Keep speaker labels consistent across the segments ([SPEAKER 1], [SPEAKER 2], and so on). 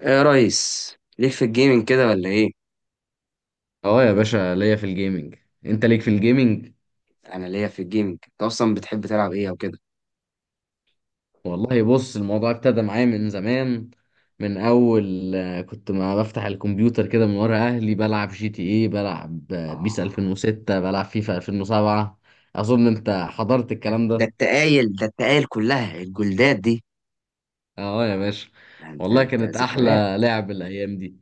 [SPEAKER 1] ايه يا ريس، ليك في الجيمنج كده ولا ايه؟
[SPEAKER 2] اه يا باشا ليا في الجيمنج. انت ليك في الجيمنج؟
[SPEAKER 1] انا ليا في الجيمنج. انت اصلا بتحب تلعب ايه او كده؟
[SPEAKER 2] والله بص، الموضوع ابتدى معايا من زمان. من اول كنت ما بفتح الكمبيوتر كده من ورا اهلي، بلعب جي تي اي، بلعب
[SPEAKER 1] آه،
[SPEAKER 2] بيس 2006، بلعب فيفا 2007. اظن انت حضرت الكلام
[SPEAKER 1] ده
[SPEAKER 2] ده.
[SPEAKER 1] التقايل، ده التقايل، كلها الجلدات دي.
[SPEAKER 2] اه يا باشا.
[SPEAKER 1] ده انت
[SPEAKER 2] والله كانت
[SPEAKER 1] ذكريات.
[SPEAKER 2] احلى لعب الايام دي.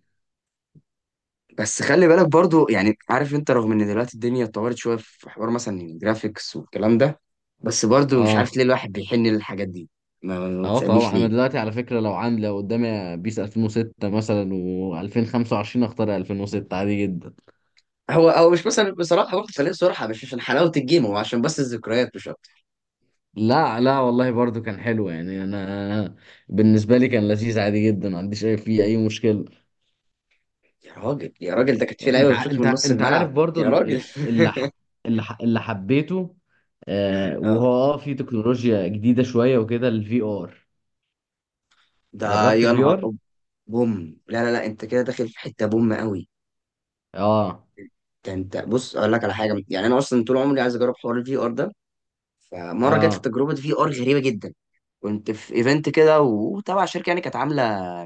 [SPEAKER 1] بس خلي بالك برضو، يعني عارف انت، رغم ان دلوقتي الدنيا اتطورت شويه في حوار مثلا الجرافيكس والكلام ده، بس برضو مش عارف
[SPEAKER 2] اه.
[SPEAKER 1] ليه الواحد بيحن للحاجات دي. ما
[SPEAKER 2] اه
[SPEAKER 1] تسالنيش
[SPEAKER 2] طبعا، انا
[SPEAKER 1] ليه.
[SPEAKER 2] دلوقتي على فكرة لو عندي، لو قدامي بيس 2006 مثلا و2025، اختار 2006 عادي جدا.
[SPEAKER 1] هو او مش مثلا بصراحه واخد فريق، صراحه مش عشان حلاوه الجيم، هو عشان بس الذكريات مش اكتر.
[SPEAKER 2] لا لا والله، برضو كان حلو، يعني انا بالنسبه لي كان لذيذ عادي جدا، ما عنديش اي، فيه اي مشكله.
[SPEAKER 1] يا راجل يا راجل، ده كانت في
[SPEAKER 2] انت
[SPEAKER 1] لعيبه
[SPEAKER 2] ع-
[SPEAKER 1] بتشوط
[SPEAKER 2] انت
[SPEAKER 1] من نص
[SPEAKER 2] انت عارف
[SPEAKER 1] الملعب.
[SPEAKER 2] برضو
[SPEAKER 1] يا
[SPEAKER 2] ال-
[SPEAKER 1] راجل.
[SPEAKER 2] ال- اللي ح- اللي ح- اللي حبيته. آه، وهو اه في تكنولوجيا جديده شويه وكده، الفي ار.
[SPEAKER 1] ده
[SPEAKER 2] جربت
[SPEAKER 1] يا
[SPEAKER 2] الفي
[SPEAKER 1] نهار
[SPEAKER 2] ار.
[SPEAKER 1] بوم. لا لا لا، انت كده داخل في حته بوم قوي.
[SPEAKER 2] اه.
[SPEAKER 1] ده انت بص، اقول لك على حاجه، يعني انا اصلا طول عمري عايز اجرب حوار الفي ار ده. فمره جات لي
[SPEAKER 2] اه
[SPEAKER 1] تجربه في ار غريبه جدا. كنت في ايفنت كده وتبع شركه يعني كانت عامله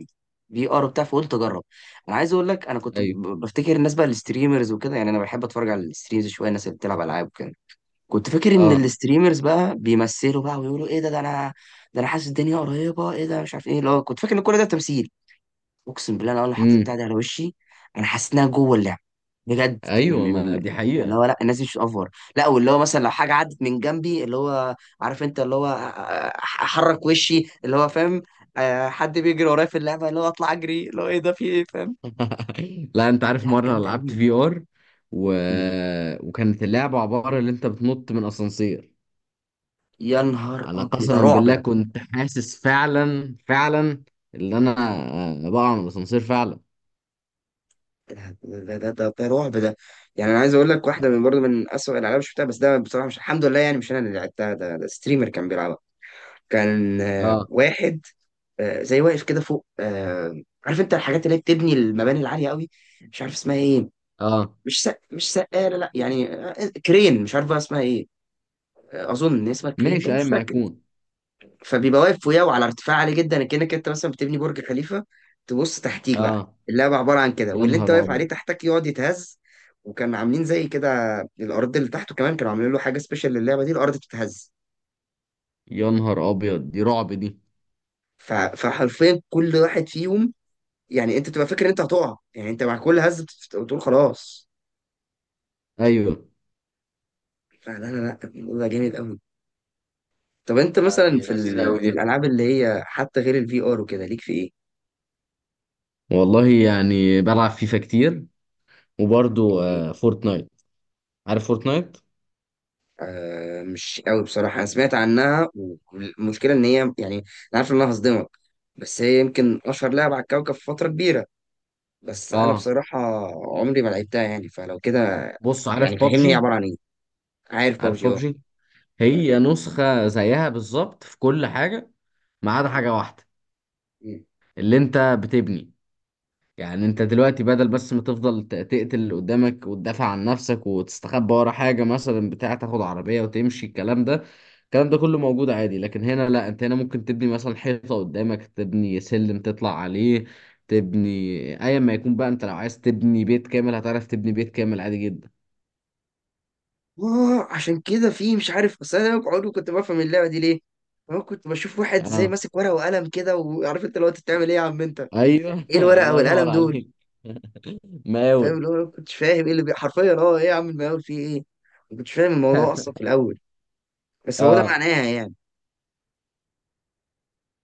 [SPEAKER 1] في ار وبتاع، فقلت اجرب. انا عايز اقول لك، انا كنت
[SPEAKER 2] ايوه.
[SPEAKER 1] بفتكر الناس بقى الستريمرز وكده، يعني انا بحب اتفرج على الستريمز شويه، الناس اللي بتلعب العاب وكده. كنت فاكر ان
[SPEAKER 2] اه.
[SPEAKER 1] الستريمرز بقى بيمثلوا بقى ويقولوا ايه ده، ده انا، ده انا حاسس الدنيا قريبه، ايه ده؟ مش عارف ايه اللي هو، كنت فاكر ان كل ده تمثيل. اقسم بالله انا اول ما حطيت بتاع
[SPEAKER 2] امم.
[SPEAKER 1] ده على وشي، انا حسيت انها جوه اللعب بجد.
[SPEAKER 2] ايوه، ما
[SPEAKER 1] يعني،
[SPEAKER 2] دي
[SPEAKER 1] اللي
[SPEAKER 2] حقيقه.
[SPEAKER 1] هو لا، الناس دي مش اوفر. لا، واللي هو مثلا لو حاجه عدت من جنبي، اللي هو عارف انت، اللي هو احرك وشي، اللي هو فاهم. حد بيجري ورايا في اللعبه، اللي هو اطلع اجري، اللي هو ايه ده، في ايه، فاهم.
[SPEAKER 2] لا، انت عارف
[SPEAKER 1] لا
[SPEAKER 2] مره
[SPEAKER 1] جامده
[SPEAKER 2] لعبت
[SPEAKER 1] قوي.
[SPEAKER 2] في ار و...
[SPEAKER 1] مم.
[SPEAKER 2] وكانت اللعبه عباره اللي انت بتنط من اسانسير.
[SPEAKER 1] يا نهار
[SPEAKER 2] انا
[SPEAKER 1] ابيض، ده
[SPEAKER 2] قسما
[SPEAKER 1] رعب
[SPEAKER 2] بالله،
[SPEAKER 1] ده.
[SPEAKER 2] كنت حاسس فعلا فعلا اللي انا بقع من الاسانسير فعلا.
[SPEAKER 1] ده رعب ده. يعني انا عايز اقول لك واحده من برضه من اسوء الالعاب اللي شفتها، بس ده بصراحه، مش الحمد لله يعني مش انا اللي لعبتها، ده ستريمر كان بيلعبها. كان
[SPEAKER 2] اه.
[SPEAKER 1] واحد زي واقف كده فوق، عارف انت الحاجات اللي هي بتبني المباني العاليه قوي، مش عارف اسمها ايه.
[SPEAKER 2] اه
[SPEAKER 1] مش سقاله، لا يعني، كرين، مش عارف بقى اسمها ايه. اظن ان اسمها كرين
[SPEAKER 2] ماشي،
[SPEAKER 1] باين،
[SPEAKER 2] ايا
[SPEAKER 1] مش
[SPEAKER 2] ما
[SPEAKER 1] فاكر.
[SPEAKER 2] يكون.
[SPEAKER 1] فبيبقى واقف فوقيه وعلى ارتفاع عالي جدا، كانك انت مثلا بتبني برج خليفه، تبص تحتيك بقى.
[SPEAKER 2] اه.
[SPEAKER 1] اللعبه عباره عن كده،
[SPEAKER 2] يا
[SPEAKER 1] واللي انت
[SPEAKER 2] نهار
[SPEAKER 1] واقف عليه
[SPEAKER 2] ابيض.
[SPEAKER 1] تحتك يقعد يتهز. وكان عاملين زي كده، الارض اللي تحته كمان كانوا عاملين له حاجه سبيشال للعبه دي، الارض بتتهز.
[SPEAKER 2] يا نهار ابيض، دي رعب دي.
[SPEAKER 1] فحرفيا كل واحد فيهم، يعني انت بتبقى فاكر ان انت هتقع، يعني انت مع كل هزه بتقول خلاص.
[SPEAKER 2] ايوه.
[SPEAKER 1] فلا لا لا، الموضوع ده جامد قوي. طب انت
[SPEAKER 2] لا،
[SPEAKER 1] مثلا
[SPEAKER 2] دي لذيذة أوي
[SPEAKER 1] في
[SPEAKER 2] دي.
[SPEAKER 1] الالعاب اللي هي حتى غير الفي ار وكده، ليك في ايه؟
[SPEAKER 2] والله يعني بلعب فيفا كتير، وبرضو
[SPEAKER 1] يعني،
[SPEAKER 2] آه فورتنايت. عارف فورتنايت؟
[SPEAKER 1] آه مش قوي بصراحه، انا سمعت عنها والمشكله ان هي، يعني انا عارف ان انا هصدمك، بس هي يمكن اشهر لعبه على الكوكب في فتره كبيره، بس انا
[SPEAKER 2] اه.
[SPEAKER 1] بصراحه عمري ما لعبتها. يعني فلو كده،
[SPEAKER 2] بص، عارف
[SPEAKER 1] يعني فهمني هي
[SPEAKER 2] بابجي؟
[SPEAKER 1] عباره عن ايه. عارف
[SPEAKER 2] عارف
[SPEAKER 1] بابجي؟ اه.
[SPEAKER 2] بابجي؟ هي نسخة زيها بالظبط في كل حاجة، ما عدا حاجة واحدة، اللي انت بتبني. يعني انت دلوقتي بدل بس ما تفضل تقتل اللي قدامك وتدافع عن نفسك وتستخبى ورا حاجة مثلا، بتاع تاخد عربية وتمشي، الكلام ده، الكلام ده كله موجود عادي. لكن هنا لا، انت هنا ممكن تبني مثلا حيطة قدامك، تبني سلم تطلع عليه، تبني ايا ما يكون بقى. انت لو عايز تبني بيت كامل هتعرف تبني بيت كامل عادي جدا.
[SPEAKER 1] اه عشان كده في، مش عارف، بس انا عمري كنت بفهم اللعبه دي ليه. انا كنت بشوف واحد زي
[SPEAKER 2] اه.
[SPEAKER 1] ماسك ورقه وقلم كده، وعارف انت لو انت بتعمل ايه، يا عم انت
[SPEAKER 2] ايوه.
[SPEAKER 1] ايه الورقه
[SPEAKER 2] الله ينور
[SPEAKER 1] والقلم دول؟
[SPEAKER 2] عليك.
[SPEAKER 1] فاهم
[SPEAKER 2] مقاول.
[SPEAKER 1] اللي هو، أنا ما كنتش فاهم ايه اللي حرفيا، اه ايه يا عم المقاول فيه ايه؟ ما كنتش فاهم الموضوع اصلا في الاول، بس هو ده
[SPEAKER 2] اه.
[SPEAKER 1] معناها يعني،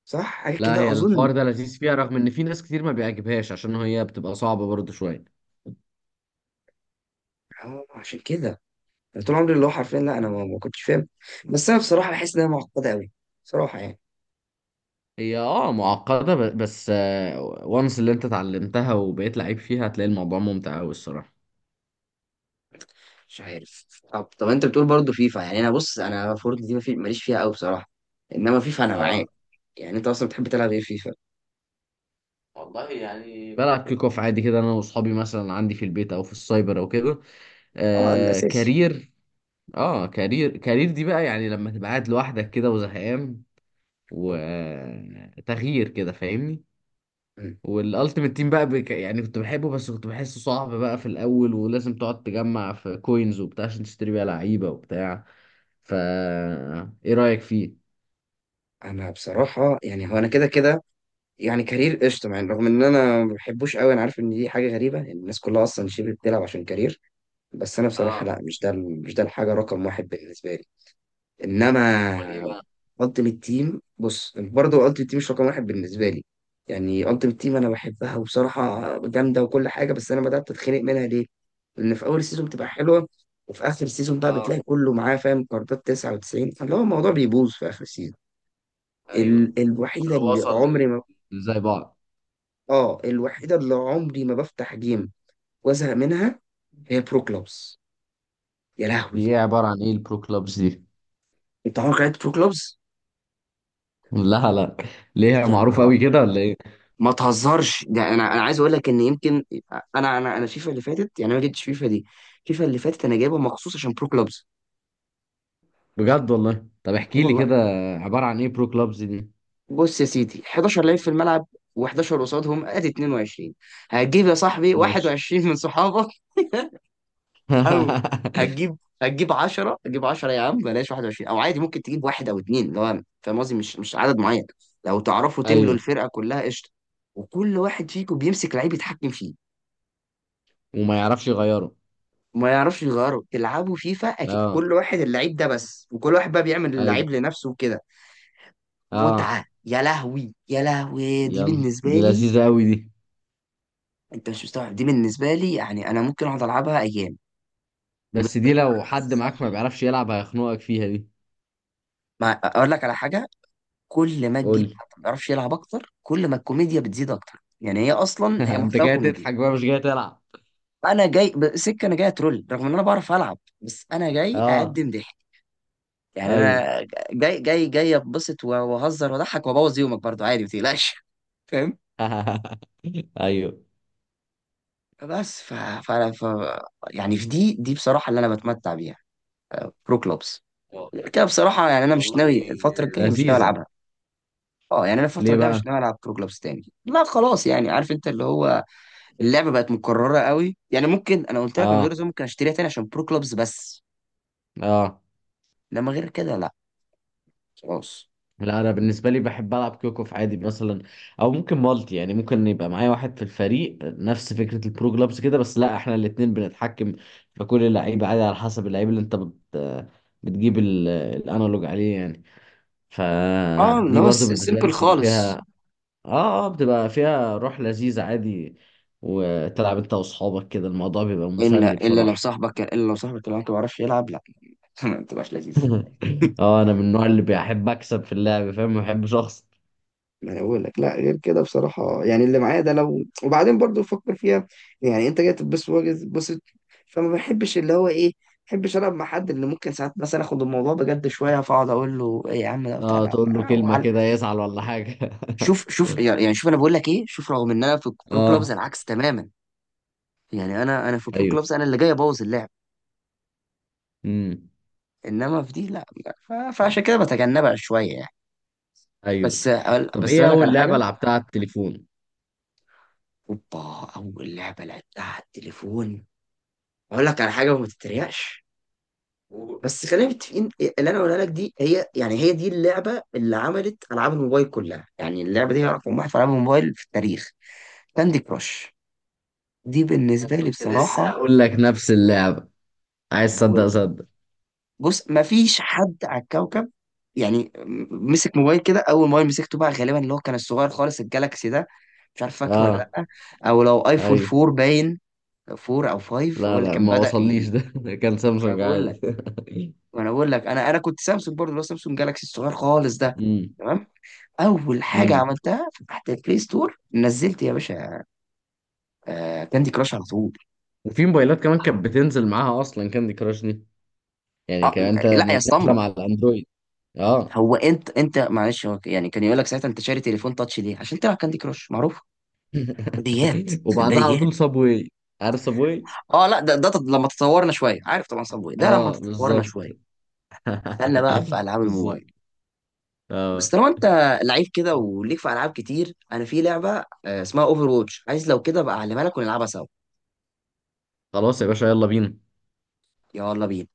[SPEAKER 1] صح، حاجه
[SPEAKER 2] لا
[SPEAKER 1] كده
[SPEAKER 2] هي
[SPEAKER 1] اظن.
[SPEAKER 2] الحوار ده لذيذ فيها، رغم ان في ناس كتير ما بيعجبهاش عشان هي بتبقى صعبة برضه شوية.
[SPEAKER 1] اه، عشان كده أنا طول عمري اللي هو حرفيا، لا انا ما كنتش فاهم، بس انا بصراحه بحس انها معقده قوي، بصراحه يعني.
[SPEAKER 2] هي اه معقدة بس، وانس اللي انت اتعلمتها وبقيت لعيب فيها، هتلاقي الموضوع ممتع أوي الصراحة.
[SPEAKER 1] مش عارف. طب انت بتقول برضه فيفا، يعني انا بص، انا فورتنايت دي ماليش فيها قوي بصراحه، انما فيفا انا
[SPEAKER 2] اه.
[SPEAKER 1] معاك. يعني انت اصلا بتحب تلعب ايه في فيفا؟
[SPEAKER 2] والله يعني بلعب كيك اوف عادي كده، انا واصحابي مثلا، عندي في البيت او في السايبر او كده.
[SPEAKER 1] اه
[SPEAKER 2] آه
[SPEAKER 1] الاساسي.
[SPEAKER 2] كارير. اه كارير، كارير دي بقى يعني لما تبقى قاعد لوحدك كده وزهقان، وتغيير كده، فاهمني.
[SPEAKER 1] مم.
[SPEAKER 2] والالتيميت تيم بقى يعني كنت بحبه، بس كنت بحسه صعب بقى في الاول، ولازم تقعد تجمع في كوينز وبتاع عشان تشتري بيها لعيبة وبتاع، فا ايه رأيك فيه؟
[SPEAKER 1] انا بصراحه يعني هو انا كده كده، يعني كارير قشطه، يعني رغم ان انا ما بحبوش قوي، انا عارف ان دي حاجه غريبه ان الناس كلها اصلا شبه بتلعب عشان كارير، بس انا بصراحه
[SPEAKER 2] اه.
[SPEAKER 1] لا، مش ده مش ده الحاجه رقم واحد بالنسبه لي.
[SPEAKER 2] امال ايه
[SPEAKER 1] انما
[SPEAKER 2] بقى؟
[SPEAKER 1] التيمت تيم، بص برضه التيمت تيم مش رقم واحد بالنسبه لي. يعني التيمت تيم انا بحبها وبصراحه جامده وكل حاجه، بس انا بدات اتخنق منها ليه؟ لان في اول سيزون بتبقى حلوه، وفي اخر سيزون بقى
[SPEAKER 2] اه.
[SPEAKER 1] بتلاقي كله معاه فاهم، كاردات 99، فاللي هو الموضوع بيبوظ في اخر سيزون.
[SPEAKER 2] ايوه،
[SPEAKER 1] الوحيده
[SPEAKER 2] كله
[SPEAKER 1] اللي
[SPEAKER 2] وصل
[SPEAKER 1] عمري
[SPEAKER 2] لل،
[SPEAKER 1] ما،
[SPEAKER 2] زي بعض.
[SPEAKER 1] اه الوحيده اللي عمري ما بفتح جيم وازهق منها هي برو كلوبز. يا لهوي.
[SPEAKER 2] دي ايه؟ عبارة عن ايه البرو كلابز دي؟
[SPEAKER 1] انت عمرك لعبت برو كلوبز؟
[SPEAKER 2] لا لا. ليه،
[SPEAKER 1] يا
[SPEAKER 2] معروفة
[SPEAKER 1] نهار.
[SPEAKER 2] قوي كده ولا ايه؟
[SPEAKER 1] ما تهزرش، ده انا عايز اقول لك ان يمكن انا فيفا اللي فاتت، يعني أنا ما جبتش فيفا دي. فيفا اللي فاتت انا جايبها مخصوص عشان برو كلوبز.
[SPEAKER 2] بجد والله؟ طب احكي لي
[SPEAKER 1] والله.
[SPEAKER 2] كده، عبارة عن ايه برو كلابز دي؟
[SPEAKER 1] بص يا سيدي، 11 لعيب في الملعب و11 قصادهم، ادي 22. هتجيب يا صاحبي
[SPEAKER 2] ماشي.
[SPEAKER 1] 21 من صحابك. او هتجيب 10، هتجيب 10 يا عم، بلاش 21، او عادي ممكن تجيب واحد او اتنين، اللي هو فاهم قصدي، مش عدد معين. لو تعرفوا تملوا
[SPEAKER 2] ايوه.
[SPEAKER 1] الفرقه كلها، قشطه. وكل واحد فيكم بيمسك لعيب يتحكم فيه،
[SPEAKER 2] وما يعرفش يغيره.
[SPEAKER 1] ما يعرفش يغيره، تلعبوا فيفا أكيد،
[SPEAKER 2] اه.
[SPEAKER 1] كل واحد اللعيب ده بس، وكل واحد بقى بيعمل
[SPEAKER 2] ايوه.
[SPEAKER 1] اللعيب لنفسه وكده.
[SPEAKER 2] اه.
[SPEAKER 1] متعة يا لهوي، يا لهوي دي
[SPEAKER 2] يلا
[SPEAKER 1] بالنسبة
[SPEAKER 2] دي
[SPEAKER 1] لي.
[SPEAKER 2] لذيذة قوي دي.
[SPEAKER 1] انت مش مستوعب دي بالنسبة لي، يعني انا ممكن اقعد العبها ايام،
[SPEAKER 2] بس
[SPEAKER 1] وبالذات
[SPEAKER 2] دي
[SPEAKER 1] مع
[SPEAKER 2] لو
[SPEAKER 1] الناس
[SPEAKER 2] حد معاك ما
[SPEAKER 1] الصح.
[SPEAKER 2] بيعرفش يلعب هيخنقك فيها دي.
[SPEAKER 1] ما اقول لك على حاجة، كل ما
[SPEAKER 2] قول
[SPEAKER 1] تجيب
[SPEAKER 2] لي.
[SPEAKER 1] حد ما بيعرفش يلعب اكتر، كل ما الكوميديا بتزيد اكتر، يعني هي اصلا هي
[SPEAKER 2] انت
[SPEAKER 1] محتوى
[SPEAKER 2] جاي
[SPEAKER 1] كوميدي.
[SPEAKER 2] تضحك بقى مش جاي تلعب.
[SPEAKER 1] انا جاي اترول، رغم ان انا بعرف العب، بس انا جاي
[SPEAKER 2] اه.
[SPEAKER 1] اقدم ضحك. يعني
[SPEAKER 2] ايوه.
[SPEAKER 1] انا جاي اتبسط واهزر واضحك وابوظ يومك برضو عادي، ما تقلقش، فاهم.
[SPEAKER 2] ايوه.
[SPEAKER 1] بس فانا ف... يعني في دي بصراحه اللي انا بتمتع بيها، برو كلوبس.
[SPEAKER 2] و-
[SPEAKER 1] كده بصراحه يعني، انا مش
[SPEAKER 2] والله
[SPEAKER 1] ناوي الفتره الجايه مش ناوي
[SPEAKER 2] لذيذة.
[SPEAKER 1] العبها. اه، يعني انا الفتره
[SPEAKER 2] ليه
[SPEAKER 1] الجايه مش
[SPEAKER 2] بقى؟
[SPEAKER 1] ناوي العب برو كلوبس تاني. لا خلاص، يعني عارف انت اللي هو اللعبه بقت مكرره قوي، يعني ممكن انا قلت لك من
[SPEAKER 2] اه.
[SPEAKER 1] غير زوم ممكن اشتريها تاني عشان برو كلوبس بس،
[SPEAKER 2] اه.
[SPEAKER 1] لما غير كده لا، خلاص.
[SPEAKER 2] لا انا بالنسبه لي بحب العب كيوكوف عادي مثلا، او ممكن مالتي. يعني ممكن يبقى معايا واحد في الفريق، نفس فكره البرو جلابس كده، بس لا احنا الاثنين بنتحكم في كل اللعيبه عادي، على حسب اللعيب اللي انت بتجيب الانالوج عليه يعني.
[SPEAKER 1] اه، اللي
[SPEAKER 2] فدي
[SPEAKER 1] هو
[SPEAKER 2] برضو بالنسبه لي
[SPEAKER 1] سيمبل
[SPEAKER 2] بتبقى
[SPEAKER 1] خالص.
[SPEAKER 2] فيها، اه. اه بتبقى فيها روح لذيذة عادي، وتلعب انت واصحابك كده الموضوع بيبقى
[SPEAKER 1] الا
[SPEAKER 2] مسلي
[SPEAKER 1] الا لو
[SPEAKER 2] بصراحة.
[SPEAKER 1] صاحبك الا لو صاحبك اللي هو انت ما بيعرفش يلعب. ما انت مش لذيذ.
[SPEAKER 2] اه، انا من النوع اللي بيحب اكسب في اللعب، فاهم؟ ما بحبش اخسر.
[SPEAKER 1] انا بقول لك لا، غير كده بصراحه يعني اللي معايا ده لو، وبعدين برضو فكر فيها، يعني انت جاي تتبسط وجاي تتبسط، فما بحبش اللي هو ايه، ما بحبش العب مع حد اللي ممكن ساعات مثلا اخد الموضوع بجد شويه، فاقعد اقول له ايه يا عم ده بتاع
[SPEAKER 2] اه،
[SPEAKER 1] لا،
[SPEAKER 2] تقول له كلمة كده يزعل ولا حاجة.
[SPEAKER 1] شوف شوف، يعني شوف، انا بقول لك ايه، شوف رغم ان انا في برو كلوبز
[SPEAKER 2] اه.
[SPEAKER 1] العكس تماما. يعني انا في برو
[SPEAKER 2] ايوه.
[SPEAKER 1] كلوبز انا اللي جاي ابوظ اللعب،
[SPEAKER 2] امم.
[SPEAKER 1] انما في دي لا لا. فعشان كده بتجنبها شويه يعني.
[SPEAKER 2] ايوه.
[SPEAKER 1] بس
[SPEAKER 2] طب
[SPEAKER 1] بس
[SPEAKER 2] ايه
[SPEAKER 1] اقول لك على
[SPEAKER 2] اول
[SPEAKER 1] حاجه.
[SPEAKER 2] لعبة لعبتها على التليفون؟
[SPEAKER 1] اوبا. اول لعبه لعبتها على التليفون، اقول لك على حاجه وما تتريقش،
[SPEAKER 2] و-
[SPEAKER 1] بس خلينا متفقين. اللي انا اقولها لك دي هي، يعني هي دي اللعبه اللي عملت العاب الموبايل كلها، يعني اللعبه دي هي رقم واحد في العاب الموبايل في التاريخ. كاندي كراش. دي بالنسبه لي
[SPEAKER 2] كنت لسه
[SPEAKER 1] بصراحه.
[SPEAKER 2] هقول لك نفس اللعبة، عايز
[SPEAKER 1] يعني بقول
[SPEAKER 2] تصدق
[SPEAKER 1] لك،
[SPEAKER 2] صدق.
[SPEAKER 1] بص ما فيش حد على الكوكب، يعني مسك موبايل كده، اول موبايل مسكته بقى غالبا اللي هو كان الصغير خالص الجالاكسي ده، مش عارف فاكره ولا
[SPEAKER 2] اه.
[SPEAKER 1] لا، او لو ايفون
[SPEAKER 2] ايوه.
[SPEAKER 1] 4 باين، 4 او 5 هو
[SPEAKER 2] لا
[SPEAKER 1] اللي
[SPEAKER 2] لا
[SPEAKER 1] كان
[SPEAKER 2] ما
[SPEAKER 1] بدأ.
[SPEAKER 2] وصليش ده. كان سامسونج
[SPEAKER 1] ي...
[SPEAKER 2] عادي.
[SPEAKER 1] وانا بقول لك، انا كنت سامسونج برضه، اللي هو سامسونج جالاكسي الصغير خالص ده. تمام. اول حاجه
[SPEAKER 2] امم.
[SPEAKER 1] عملتها فتحت البلاي ستور، نزلت يا باشا آه كاندي كراش على طول.
[SPEAKER 2] وفي موبايلات كمان كانت بتنزل معاها اصلا كاندي كراش دي، يعني كان انت
[SPEAKER 1] لا يا
[SPEAKER 2] نازله
[SPEAKER 1] اسطمبه.
[SPEAKER 2] مع الاندرويد. اه.
[SPEAKER 1] هو انت معلش هو يعني كان يقول لك ساعتها انت شاري تليفون تاتش ليه؟ عشان تلعب كاندي كراش معروف. بديهيات.
[SPEAKER 2] وبعدها على
[SPEAKER 1] بديهيات.
[SPEAKER 2] طول صابواي. عارف صابواي؟
[SPEAKER 1] اه لا ده لما تطورنا شويه، عارف طبعا صابوي ده، لما
[SPEAKER 2] اه
[SPEAKER 1] تطورنا
[SPEAKER 2] بالظبط.
[SPEAKER 1] شويه دخلنا بقى في العاب
[SPEAKER 2] بالظبط.
[SPEAKER 1] الموبايل. بس
[SPEAKER 2] اه.
[SPEAKER 1] طالما انت لعيب كده وليك في العاب كتير، انا في لعبه اسمها اوفر ووتش، عايز لو كده بقى اعلمها لك ونلعبها سوا.
[SPEAKER 2] خلاص يا باشا، يلا بينا.
[SPEAKER 1] يلا بينا.